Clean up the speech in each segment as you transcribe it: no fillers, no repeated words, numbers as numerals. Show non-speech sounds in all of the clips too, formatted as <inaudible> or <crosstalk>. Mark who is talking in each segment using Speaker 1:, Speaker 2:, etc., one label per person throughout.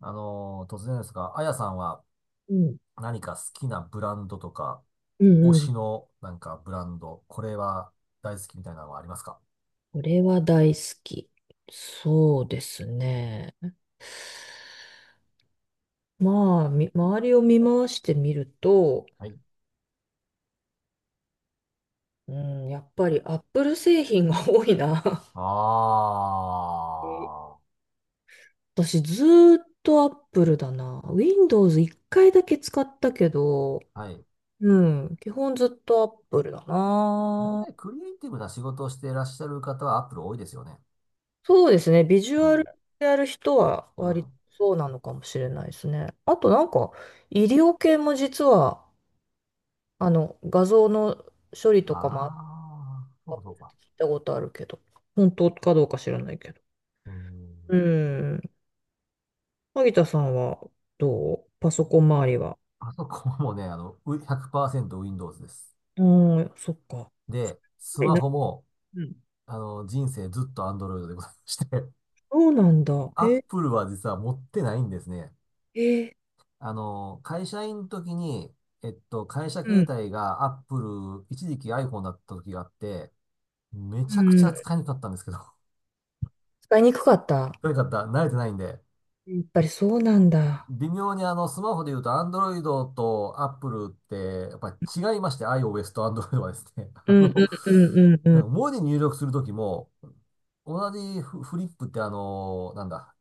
Speaker 1: 突然ですが、あやさんは
Speaker 2: うん。
Speaker 1: 何か好きなブランドとか、
Speaker 2: うん
Speaker 1: 推
Speaker 2: うん。
Speaker 1: しのブランド、これは大好きみたいなのはありますか？
Speaker 2: これは大好き。そうですね。まあ、周りを見回してみると、
Speaker 1: はい。
Speaker 2: うん、やっぱりアップル製品が <laughs> 多いな。
Speaker 1: あ
Speaker 2: <laughs> え私ずーっとアップルだな。Windows 一回だけ使ったけど、
Speaker 1: あ、はい。
Speaker 2: うん、基本ずっとアップルだ
Speaker 1: 大
Speaker 2: な。
Speaker 1: 体クリエイティブな仕事をしていらっしゃる方はアップル多いですよね。
Speaker 2: そうですね。ビジ
Speaker 1: う
Speaker 2: ュア
Speaker 1: ん。
Speaker 2: ルやる人は
Speaker 1: う
Speaker 2: 割と
Speaker 1: ん。
Speaker 2: そうなのかもしれないですね。あとなんか、医療系も実は画像の処理とかもあっ
Speaker 1: ああ、そ
Speaker 2: て
Speaker 1: うかそ
Speaker 2: 聞
Speaker 1: う
Speaker 2: い
Speaker 1: か。
Speaker 2: たことあるけど、本当かどうか知らないけど。
Speaker 1: うーん。
Speaker 2: うん。萩田さんはどう、パソコン周りは。
Speaker 1: パソコンもね、う 100%Windows です。
Speaker 2: うん、そっか。
Speaker 1: で、ス
Speaker 2: え
Speaker 1: マ
Speaker 2: な
Speaker 1: ホも、
Speaker 2: うん、
Speaker 1: 人生ずっと Android でございまして。
Speaker 2: そうなんだ。
Speaker 1: アッ
Speaker 2: え、
Speaker 1: プルは実は持ってないんですね。
Speaker 2: えー、
Speaker 1: 会社員の時に、会社
Speaker 2: う
Speaker 1: 携
Speaker 2: ん、
Speaker 1: 帯がアップル、一時期 iPhone だった時があって、め
Speaker 2: う
Speaker 1: ちゃくちゃ
Speaker 2: ん。
Speaker 1: 使いにくかったんですけど、<laughs>
Speaker 2: 使いにくかった。
Speaker 1: とにくかった慣れてないんで、
Speaker 2: やっぱりそうなんだ。
Speaker 1: 微妙にスマホで言うと Android と Apple って、やっぱり違いまして、iOS と Android はですね、<laughs>
Speaker 2: うんうんうんうんう
Speaker 1: なん
Speaker 2: ん。
Speaker 1: か文字入力する時も、同じフフリップってなんだ、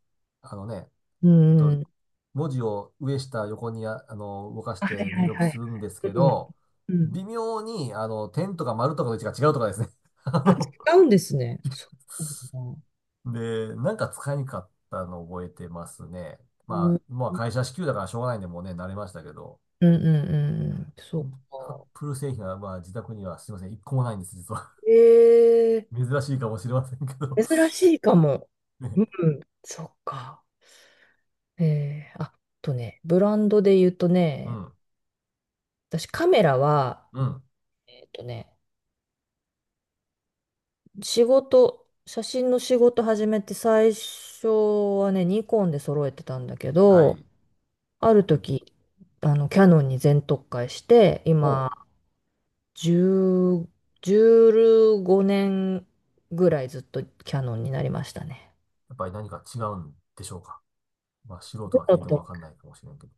Speaker 1: あのね、
Speaker 2: う
Speaker 1: えっ
Speaker 2: んう
Speaker 1: と、
Speaker 2: ん。
Speaker 1: 文字を上下横にあ、動かし
Speaker 2: あ、はい
Speaker 1: て入
Speaker 2: はい
Speaker 1: 力
Speaker 2: は
Speaker 1: す
Speaker 2: い。
Speaker 1: るんですけ
Speaker 2: うん
Speaker 1: ど、
Speaker 2: うん。
Speaker 1: 微妙に、点とか丸とかの位置が違うとかですね。<laughs> あ
Speaker 2: あ、使うんですね。そうなんだ。
Speaker 1: ので、なんか使いにくかったのを覚えてますね。
Speaker 2: うんうん
Speaker 1: まあ会社支給だからしょうがないんで、もうね、慣れましたけど。
Speaker 2: うんうん。そう
Speaker 1: アッ
Speaker 2: か。
Speaker 1: プル製品は、まあ自宅にはすいません、一個もないんです、実は。
Speaker 2: ええ、
Speaker 1: <laughs> 珍しいかもしれませんけど。
Speaker 2: 珍しいかも。
Speaker 1: <laughs>
Speaker 2: うん、
Speaker 1: ね。
Speaker 2: そっか。ええ、あとね、ブランドで言うと
Speaker 1: う
Speaker 2: ね、
Speaker 1: ん、
Speaker 2: 私カメラは、
Speaker 1: うん、
Speaker 2: えっとね、仕事、写真の仕事始めて最初はね、ニコンで揃えてたんだけ
Speaker 1: は
Speaker 2: ど、
Speaker 1: い。
Speaker 2: ある時、キヤノンに全特化して、
Speaker 1: ほう。
Speaker 2: 今、10、15年ぐらいずっとキヤノンになりましたね。
Speaker 1: やっぱり何か違うんでしょうか。まあ素
Speaker 2: ち
Speaker 1: 人は聞い
Speaker 2: っ
Speaker 1: ても
Speaker 2: と
Speaker 1: わかんないかもしれんけど。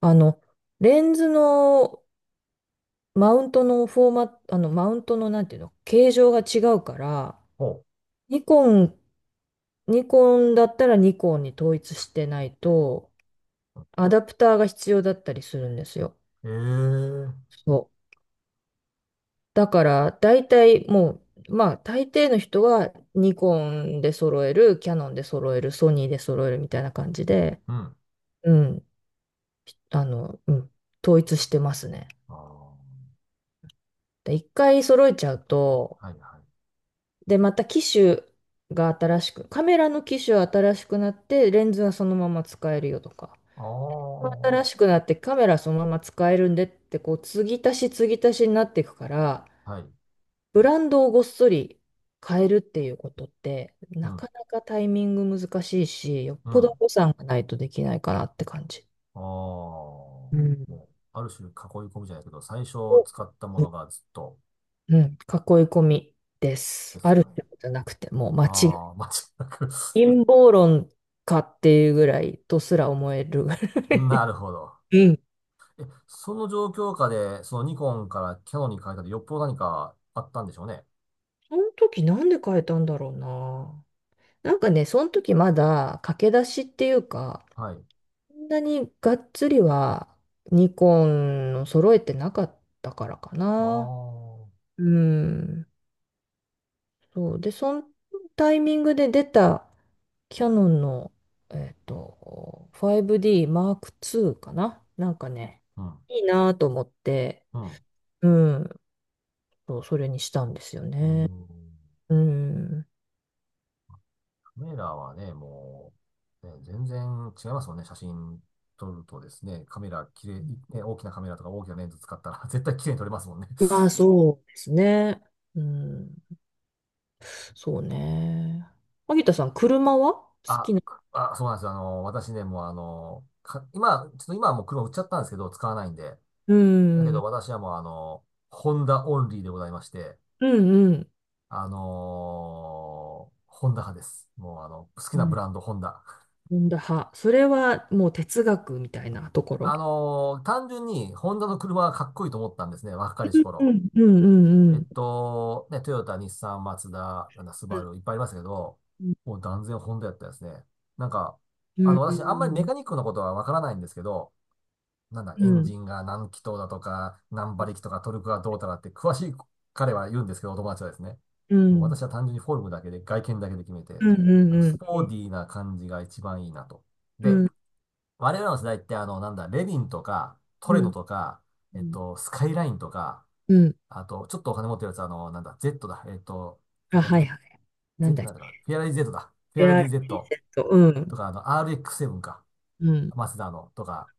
Speaker 2: あの、レンズのマウントのフォーマット、マウントのなんていうの、形状が違うから、
Speaker 1: ほう。
Speaker 2: ニコン、ニコンだったらニコンに統一してないと、アダプターが必要だったりするんですよ。
Speaker 1: ええ、う
Speaker 2: そう。だから、大体もう、まあ、大抵の人はニコンで揃える、キヤノンで揃える、ソニーで揃えるみたいな感じで、
Speaker 1: ん。
Speaker 2: うん、あの、うん、統一してますね。
Speaker 1: ああ、
Speaker 2: で、一回揃えちゃうと、
Speaker 1: はいはい。
Speaker 2: で、また機種が新しく、カメラの機種は新しくなって、レンズはそのまま使えるよとか、
Speaker 1: あ
Speaker 2: 新し
Speaker 1: あ、
Speaker 2: くなってカメラそのまま使えるんでって、こう、継ぎ足し継ぎ足しになっていくから、
Speaker 1: はい。
Speaker 2: ブランドをごっそり変えるっていうことって、
Speaker 1: う
Speaker 2: な
Speaker 1: ん、
Speaker 2: かなかタイミング難しいし、よっ
Speaker 1: うん。
Speaker 2: ぽど
Speaker 1: あ
Speaker 2: 予算がないとできないかなって感じ。
Speaker 1: あ、
Speaker 2: う
Speaker 1: も
Speaker 2: ん、
Speaker 1: う、ある種囲い込みじゃないけど、最初
Speaker 2: お、
Speaker 1: 使ったものがずっと
Speaker 2: うん、囲い込みで
Speaker 1: で
Speaker 2: す。あ
Speaker 1: す
Speaker 2: る
Speaker 1: よ
Speaker 2: っ
Speaker 1: ね。
Speaker 2: てことじゃなくて、もう間違い
Speaker 1: ああ、<laughs> 間違いなく
Speaker 2: 陰謀論かっていうぐらいとすら思えるぐらい。
Speaker 1: <laughs> なるほど。
Speaker 2: うん。
Speaker 1: その状況下で、そのニコンからキャノンに変えたで、よっぽど何かあったんでしょうね。
Speaker 2: その時なんで変えたんだろうな。なんかね、その時まだ駆け出しっていうか、
Speaker 1: はい。
Speaker 2: そんなにがっつりはニコンを揃えてなかったからか
Speaker 1: あ
Speaker 2: な。
Speaker 1: あ、
Speaker 2: うん。そう。で、そのタイミングで出たキヤノンの、5D Mark II かな。なんかね、
Speaker 1: うん、
Speaker 2: いいなと思って、
Speaker 1: うん。
Speaker 2: うん、そう、それにしたんですよ
Speaker 1: うー
Speaker 2: ね。
Speaker 1: ん、
Speaker 2: うん。
Speaker 1: カメラはね、もう、ね、全然違いますもんね。写真撮るとですね、カメラ綺麗、いね、大きなカメラとか大きなレンズ使ったら <laughs> 絶対綺麗に撮れますもんね。
Speaker 2: まあ、そうですね。うん。そうね。萩田さん、車は好き
Speaker 1: あ、
Speaker 2: な。
Speaker 1: あ、そうなんですよ。私ね、もうあの、か、今、ちょっと今はもう車売っちゃったんですけど、使わないんで。
Speaker 2: う
Speaker 1: だけ
Speaker 2: ん。う
Speaker 1: ど
Speaker 2: ん
Speaker 1: 私はもうあの、ホンダオンリーでございまして、
Speaker 2: うん。
Speaker 1: ホンダ派です。もうあの、好き
Speaker 2: う
Speaker 1: なブ
Speaker 2: ん。
Speaker 1: ランド、ホンダ。
Speaker 2: ホンダ派。それはもう哲学みたいなところ。
Speaker 1: 単純にホンダの車がかっこいいと思ったんですね、若かりし
Speaker 2: う
Speaker 1: 頃。
Speaker 2: んうんうん
Speaker 1: ね、トヨタ、日産、マツダ、なんだ、スバ
Speaker 2: う
Speaker 1: ル、いっぱいありますけど、も
Speaker 2: ん
Speaker 1: う断然ホンダやったですね。なんか、
Speaker 2: うんう
Speaker 1: 私、あんまりメ
Speaker 2: ん
Speaker 1: カニックのことはわからないんですけど、なんだ、
Speaker 2: う
Speaker 1: エン
Speaker 2: ん
Speaker 1: ジンが何気筒だとか、何馬力とか、トルクがどうたらって、詳しい彼は言うんですけど、お友達はですね。
Speaker 2: う
Speaker 1: もう
Speaker 2: ん
Speaker 1: 私は単純にフォルムだけで、外見だけで決め
Speaker 2: う
Speaker 1: て、
Speaker 2: んうん
Speaker 1: あ
Speaker 2: う
Speaker 1: のス
Speaker 2: んう
Speaker 1: ポー
Speaker 2: ん
Speaker 1: ディーな感じが一番いいなと。
Speaker 2: う
Speaker 1: で、
Speaker 2: ん
Speaker 1: 我々の世代って、なんだ、レヴィンとか、ト
Speaker 2: う
Speaker 1: レノ
Speaker 2: ん
Speaker 1: とか、スカイラインとか、
Speaker 2: うん、
Speaker 1: あと、ちょっとお金持ってるやつ、なんだ、Z だ。
Speaker 2: あ、
Speaker 1: なんだ
Speaker 2: は
Speaker 1: っ
Speaker 2: い
Speaker 1: け、
Speaker 2: はい、なん
Speaker 1: Z
Speaker 2: だっ
Speaker 1: なんだかな。フェアラディ Z だ。フ
Speaker 2: け、
Speaker 1: ェアラディ Z
Speaker 2: ART セット、う
Speaker 1: と
Speaker 2: ん
Speaker 1: か、RX7 か。
Speaker 2: うん
Speaker 1: マセダのとか、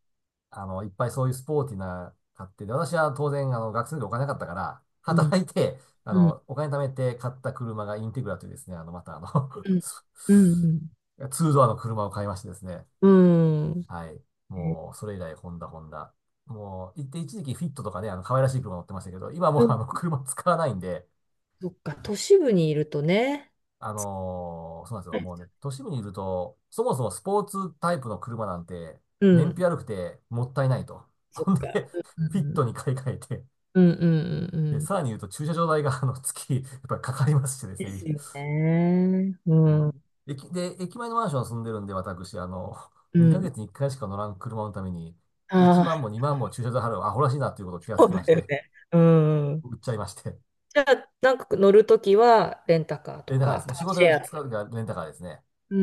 Speaker 1: いっぱいそういうスポーティーな買ってで、私は当然、学生の時お金なかったから、
Speaker 2: うん
Speaker 1: 働いて、
Speaker 2: うん
Speaker 1: お金貯めて買った車がインテグラというですね、あの、またあの
Speaker 2: うんう
Speaker 1: <laughs>
Speaker 2: んうん
Speaker 1: ツードアの車を買いましてですね。
Speaker 2: うん。うん。
Speaker 1: はい。もう、それ以来、ホンダ、ホンダ。もう、一時期フィットとかね、可愛らしい車乗ってましたけど、今もうあの、
Speaker 2: <laughs>
Speaker 1: 車使わないんで、
Speaker 2: そっか、都市部にいるとね。
Speaker 1: そうなんですよ。もうね、都市部にいると、そもそもスポーツタイプの車なんて、
Speaker 2: う
Speaker 1: 燃費
Speaker 2: ん。
Speaker 1: 悪くてもったいないと。<laughs>
Speaker 2: そっ
Speaker 1: ほん
Speaker 2: か。
Speaker 1: で、
Speaker 2: う
Speaker 1: フィッ
Speaker 2: ん
Speaker 1: トに買い替えて、
Speaker 2: うんうんうんうん
Speaker 1: で、
Speaker 2: うん。
Speaker 1: さらに言うと駐車場代が、月、やっぱりかかりましてです
Speaker 2: で
Speaker 1: ね。
Speaker 2: すよね。う
Speaker 1: もう、
Speaker 2: ん。
Speaker 1: 駅、で、駅前のマンション住んでるんで、私、
Speaker 2: う
Speaker 1: 2
Speaker 2: ん。
Speaker 1: ヶ月に1回しか乗らん車のために、1
Speaker 2: あ
Speaker 1: 万も
Speaker 2: あ、
Speaker 1: 2万も駐車場払う、アホらしいなということを気が
Speaker 2: そ
Speaker 1: つ
Speaker 2: う
Speaker 1: きま
Speaker 2: だ
Speaker 1: し
Speaker 2: よ
Speaker 1: て、
Speaker 2: ね。うん。
Speaker 1: 売っちゃいまして。
Speaker 2: じゃあ、なんか乗るときは、レンタカーと
Speaker 1: レンタカーで
Speaker 2: か、
Speaker 1: す。もう
Speaker 2: カ
Speaker 1: 仕
Speaker 2: ーシ
Speaker 1: 事
Speaker 2: ェ
Speaker 1: で使
Speaker 2: ア。
Speaker 1: うときはレンタカーですね。
Speaker 2: う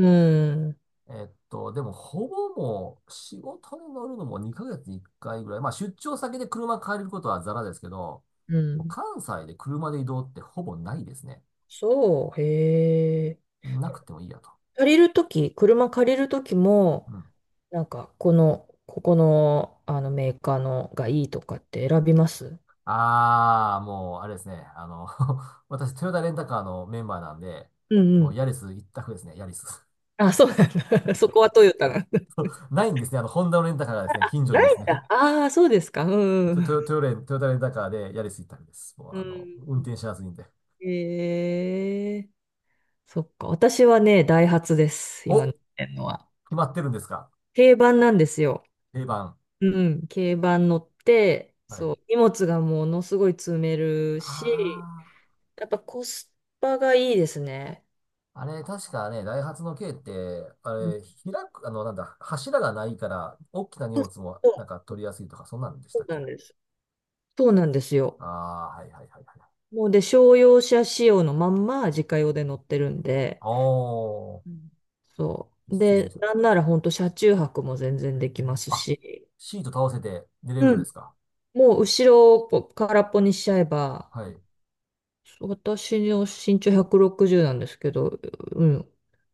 Speaker 2: ん。
Speaker 1: でも、ほぼもう、仕事に乗るのも2ヶ月に1回ぐらい。まあ、出張先で車借りることはザラですけど、
Speaker 2: うん。
Speaker 1: 関西で車で移動ってほぼないですね。
Speaker 2: そう、へえ。
Speaker 1: なくてもいいやと。
Speaker 2: 借りるとき、車借りるときも、
Speaker 1: うん。
Speaker 2: なんか、この、ここの、あのメーカーのがいいとかって選びます？
Speaker 1: ああ、もう、あれですね。<laughs> 私、トヨタレンタカーのメンバーなんで、
Speaker 2: うんう
Speaker 1: もう、
Speaker 2: ん。
Speaker 1: ヤリス一択ですね、ヤリス。
Speaker 2: あ、そうなんだ。<laughs> そこはトヨタなんだ。
Speaker 1: <laughs> ないんですね。ホンダのレンタカーがですね、近所に
Speaker 2: な
Speaker 1: で
Speaker 2: いん
Speaker 1: すね、
Speaker 2: だ。ああ、そうですか。うんう
Speaker 1: ト、
Speaker 2: ん。
Speaker 1: トヨ、トヨレン、トヨタレンタカーでヤリス一択です。もう、
Speaker 2: う
Speaker 1: 運
Speaker 2: ん。
Speaker 1: 転しやすいんで。
Speaker 2: ええ、そっか。私はね、ダイハツです。
Speaker 1: お、
Speaker 2: 今乗ってんのは。
Speaker 1: 決まってるんですか？
Speaker 2: 軽バンなんですよ。
Speaker 1: 定番。
Speaker 2: うん。軽バン乗って、
Speaker 1: はい。
Speaker 2: そう。荷物がものすごい積めるし、
Speaker 1: あ
Speaker 2: やっぱコスパがいいですね。
Speaker 1: あ、あれ、確かね、ダイハツの軽って、あ
Speaker 2: うん、
Speaker 1: れ、開く、なんだ、柱がないから、大きな荷
Speaker 2: そう、
Speaker 1: 物も、なんか取りやすいとか、そんなんでし
Speaker 2: そ
Speaker 1: たっ
Speaker 2: うな
Speaker 1: け？
Speaker 2: んです。そうなんですよ。
Speaker 1: ああー、はいはいはいはい。
Speaker 2: もうで、商用車仕様のまんま自家用で乗ってるんで、
Speaker 1: おー、
Speaker 2: うん、そ
Speaker 1: 一
Speaker 2: う。
Speaker 1: 石二
Speaker 2: で、
Speaker 1: 鳥で
Speaker 2: な
Speaker 1: す。
Speaker 2: んなら本当車中泊も全然できます
Speaker 1: あ、
Speaker 2: し、
Speaker 1: シート倒せて寝れるん
Speaker 2: う
Speaker 1: で
Speaker 2: ん、
Speaker 1: すか？
Speaker 2: もう後ろをぽ空っぽにしちゃえば、
Speaker 1: はい。
Speaker 2: 私の身長160なんですけど、うん、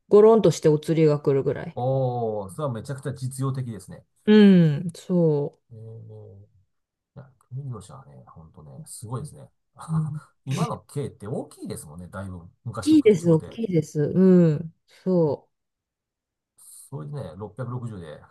Speaker 2: ゴロンとしてお釣りが来るぐらい。
Speaker 1: おー、それはめちゃくちゃ実用的ですね。
Speaker 2: うん、そ
Speaker 1: えー、いや、軽自動車はね、ほんとね、すごい
Speaker 2: う。
Speaker 1: ですね。
Speaker 2: うん、
Speaker 1: <laughs> 今の軽って大きいですもんね、だいぶ。
Speaker 2: 大
Speaker 1: 昔と
Speaker 2: きいで
Speaker 1: 口
Speaker 2: す、
Speaker 1: ご
Speaker 2: 大
Speaker 1: て。
Speaker 2: きいです。うん、そ
Speaker 1: それでね、660で <laughs>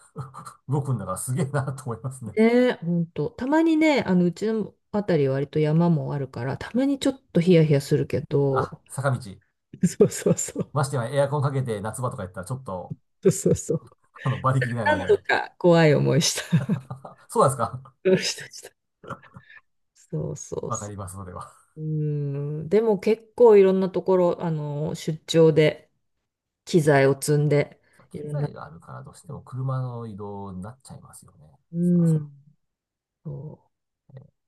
Speaker 1: 動くんだからすげえなと思います
Speaker 2: う。
Speaker 1: ね。
Speaker 2: ね、本当。たまにね、うちのあたり割と山もあるから、たまにちょっとヒヤヒヤするけど、
Speaker 1: あ、坂道。
Speaker 2: <laughs> そうそうそう。
Speaker 1: ましてやエアコンかけて夏場とかやったらちょっと、
Speaker 2: そうそうそう
Speaker 1: 馬力出ないなみ
Speaker 2: 何
Speaker 1: たい
Speaker 2: 度
Speaker 1: な。
Speaker 2: か怖い思いした。
Speaker 1: <laughs> そうなんですか？
Speaker 2: <laughs> そうしたしたそうそう
Speaker 1: わか
Speaker 2: そ
Speaker 1: ります、それは。
Speaker 2: う。うん。でも結構いろんなところ、出張で機材を積んで、い
Speaker 1: 機
Speaker 2: ろんな。
Speaker 1: 材があるからどうしても車の移動になっちゃいますよね。
Speaker 2: う
Speaker 1: そら。
Speaker 2: ん。そ
Speaker 1: え、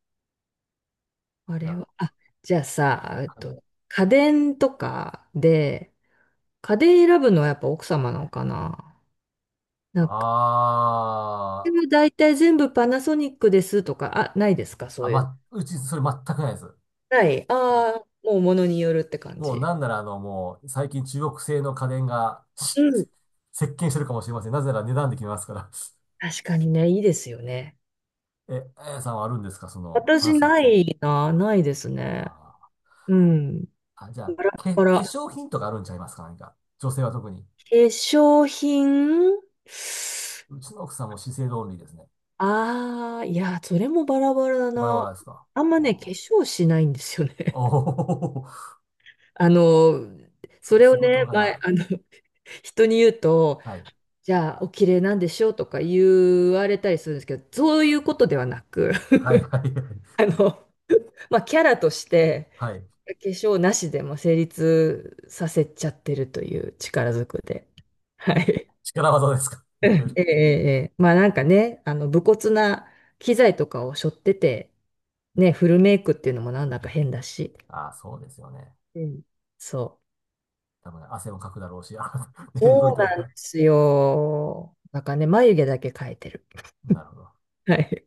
Speaker 2: う。あ
Speaker 1: い
Speaker 2: れ
Speaker 1: や、
Speaker 2: は、あ、じゃあさ、
Speaker 1: はい。
Speaker 2: 家電とかで、家電選ぶのはやっぱ奥様なのかな？なんか、
Speaker 1: あ
Speaker 2: うちは大体全部パナソニックですとか、あ、ないですか
Speaker 1: ー、
Speaker 2: そ
Speaker 1: あ、
Speaker 2: ういうの。
Speaker 1: ま、うちそれ全くないです。
Speaker 2: ない。ああ、もう物によるって感
Speaker 1: もう
Speaker 2: じ。
Speaker 1: なんならあの、もう最近中国製の家電が
Speaker 2: うん。
Speaker 1: <laughs> 席巻してるかもしれません。なぜなら値段で決めますから。
Speaker 2: 確かにね、いいですよね。
Speaker 1: え、あやさんはあるんですか、その、パナ
Speaker 2: 私
Speaker 1: ソニッ
Speaker 2: な
Speaker 1: ク。
Speaker 2: いな、ないですね。
Speaker 1: あ
Speaker 2: うん。
Speaker 1: ー、あ、じゃあ、
Speaker 2: バラ
Speaker 1: け、
Speaker 2: バ
Speaker 1: 化
Speaker 2: ラ。
Speaker 1: 粧品とかあるんちゃいますか何か。女性は特に。
Speaker 2: 化粧品。
Speaker 1: うちの奥さんも資生堂オンリーですね。
Speaker 2: ああー、いや、それもバラバラだ
Speaker 1: バラバ
Speaker 2: な。
Speaker 1: ラですか？
Speaker 2: あんま
Speaker 1: あ
Speaker 2: ね、化
Speaker 1: ー、
Speaker 2: 粧しないんですよね。
Speaker 1: おおー、<laughs>
Speaker 2: <laughs> あの、
Speaker 1: そう
Speaker 2: そ
Speaker 1: か、
Speaker 2: れを
Speaker 1: 仕事
Speaker 2: ね、前、
Speaker 1: 柄。
Speaker 2: 人に言うと、
Speaker 1: はい。
Speaker 2: じゃあ、お綺麗なんでしょうとか言われたりするんですけど、そういうことではなく、
Speaker 1: はい、はい、はい。
Speaker 2: <laughs> まあ、キャラとして、
Speaker 1: はい。
Speaker 2: 化粧なしでも成立させちゃってるという、力ずくで。はい。
Speaker 1: 力技ですかい
Speaker 2: うん、え
Speaker 1: ろいろ。
Speaker 2: え、ええ、ええ、まあなんかね、武骨な機材とかを背負ってて、ね、フルメイクっていうのもなんだか変だし。
Speaker 1: ああー、そうですよね。
Speaker 2: うん。そう。
Speaker 1: 多分、ね汗もかくだろうし、あーね、動い
Speaker 2: そう
Speaker 1: た
Speaker 2: なんで
Speaker 1: ら。
Speaker 2: すよ。なんかね、眉毛だけ描いてる。
Speaker 1: なるほど。
Speaker 2: はい。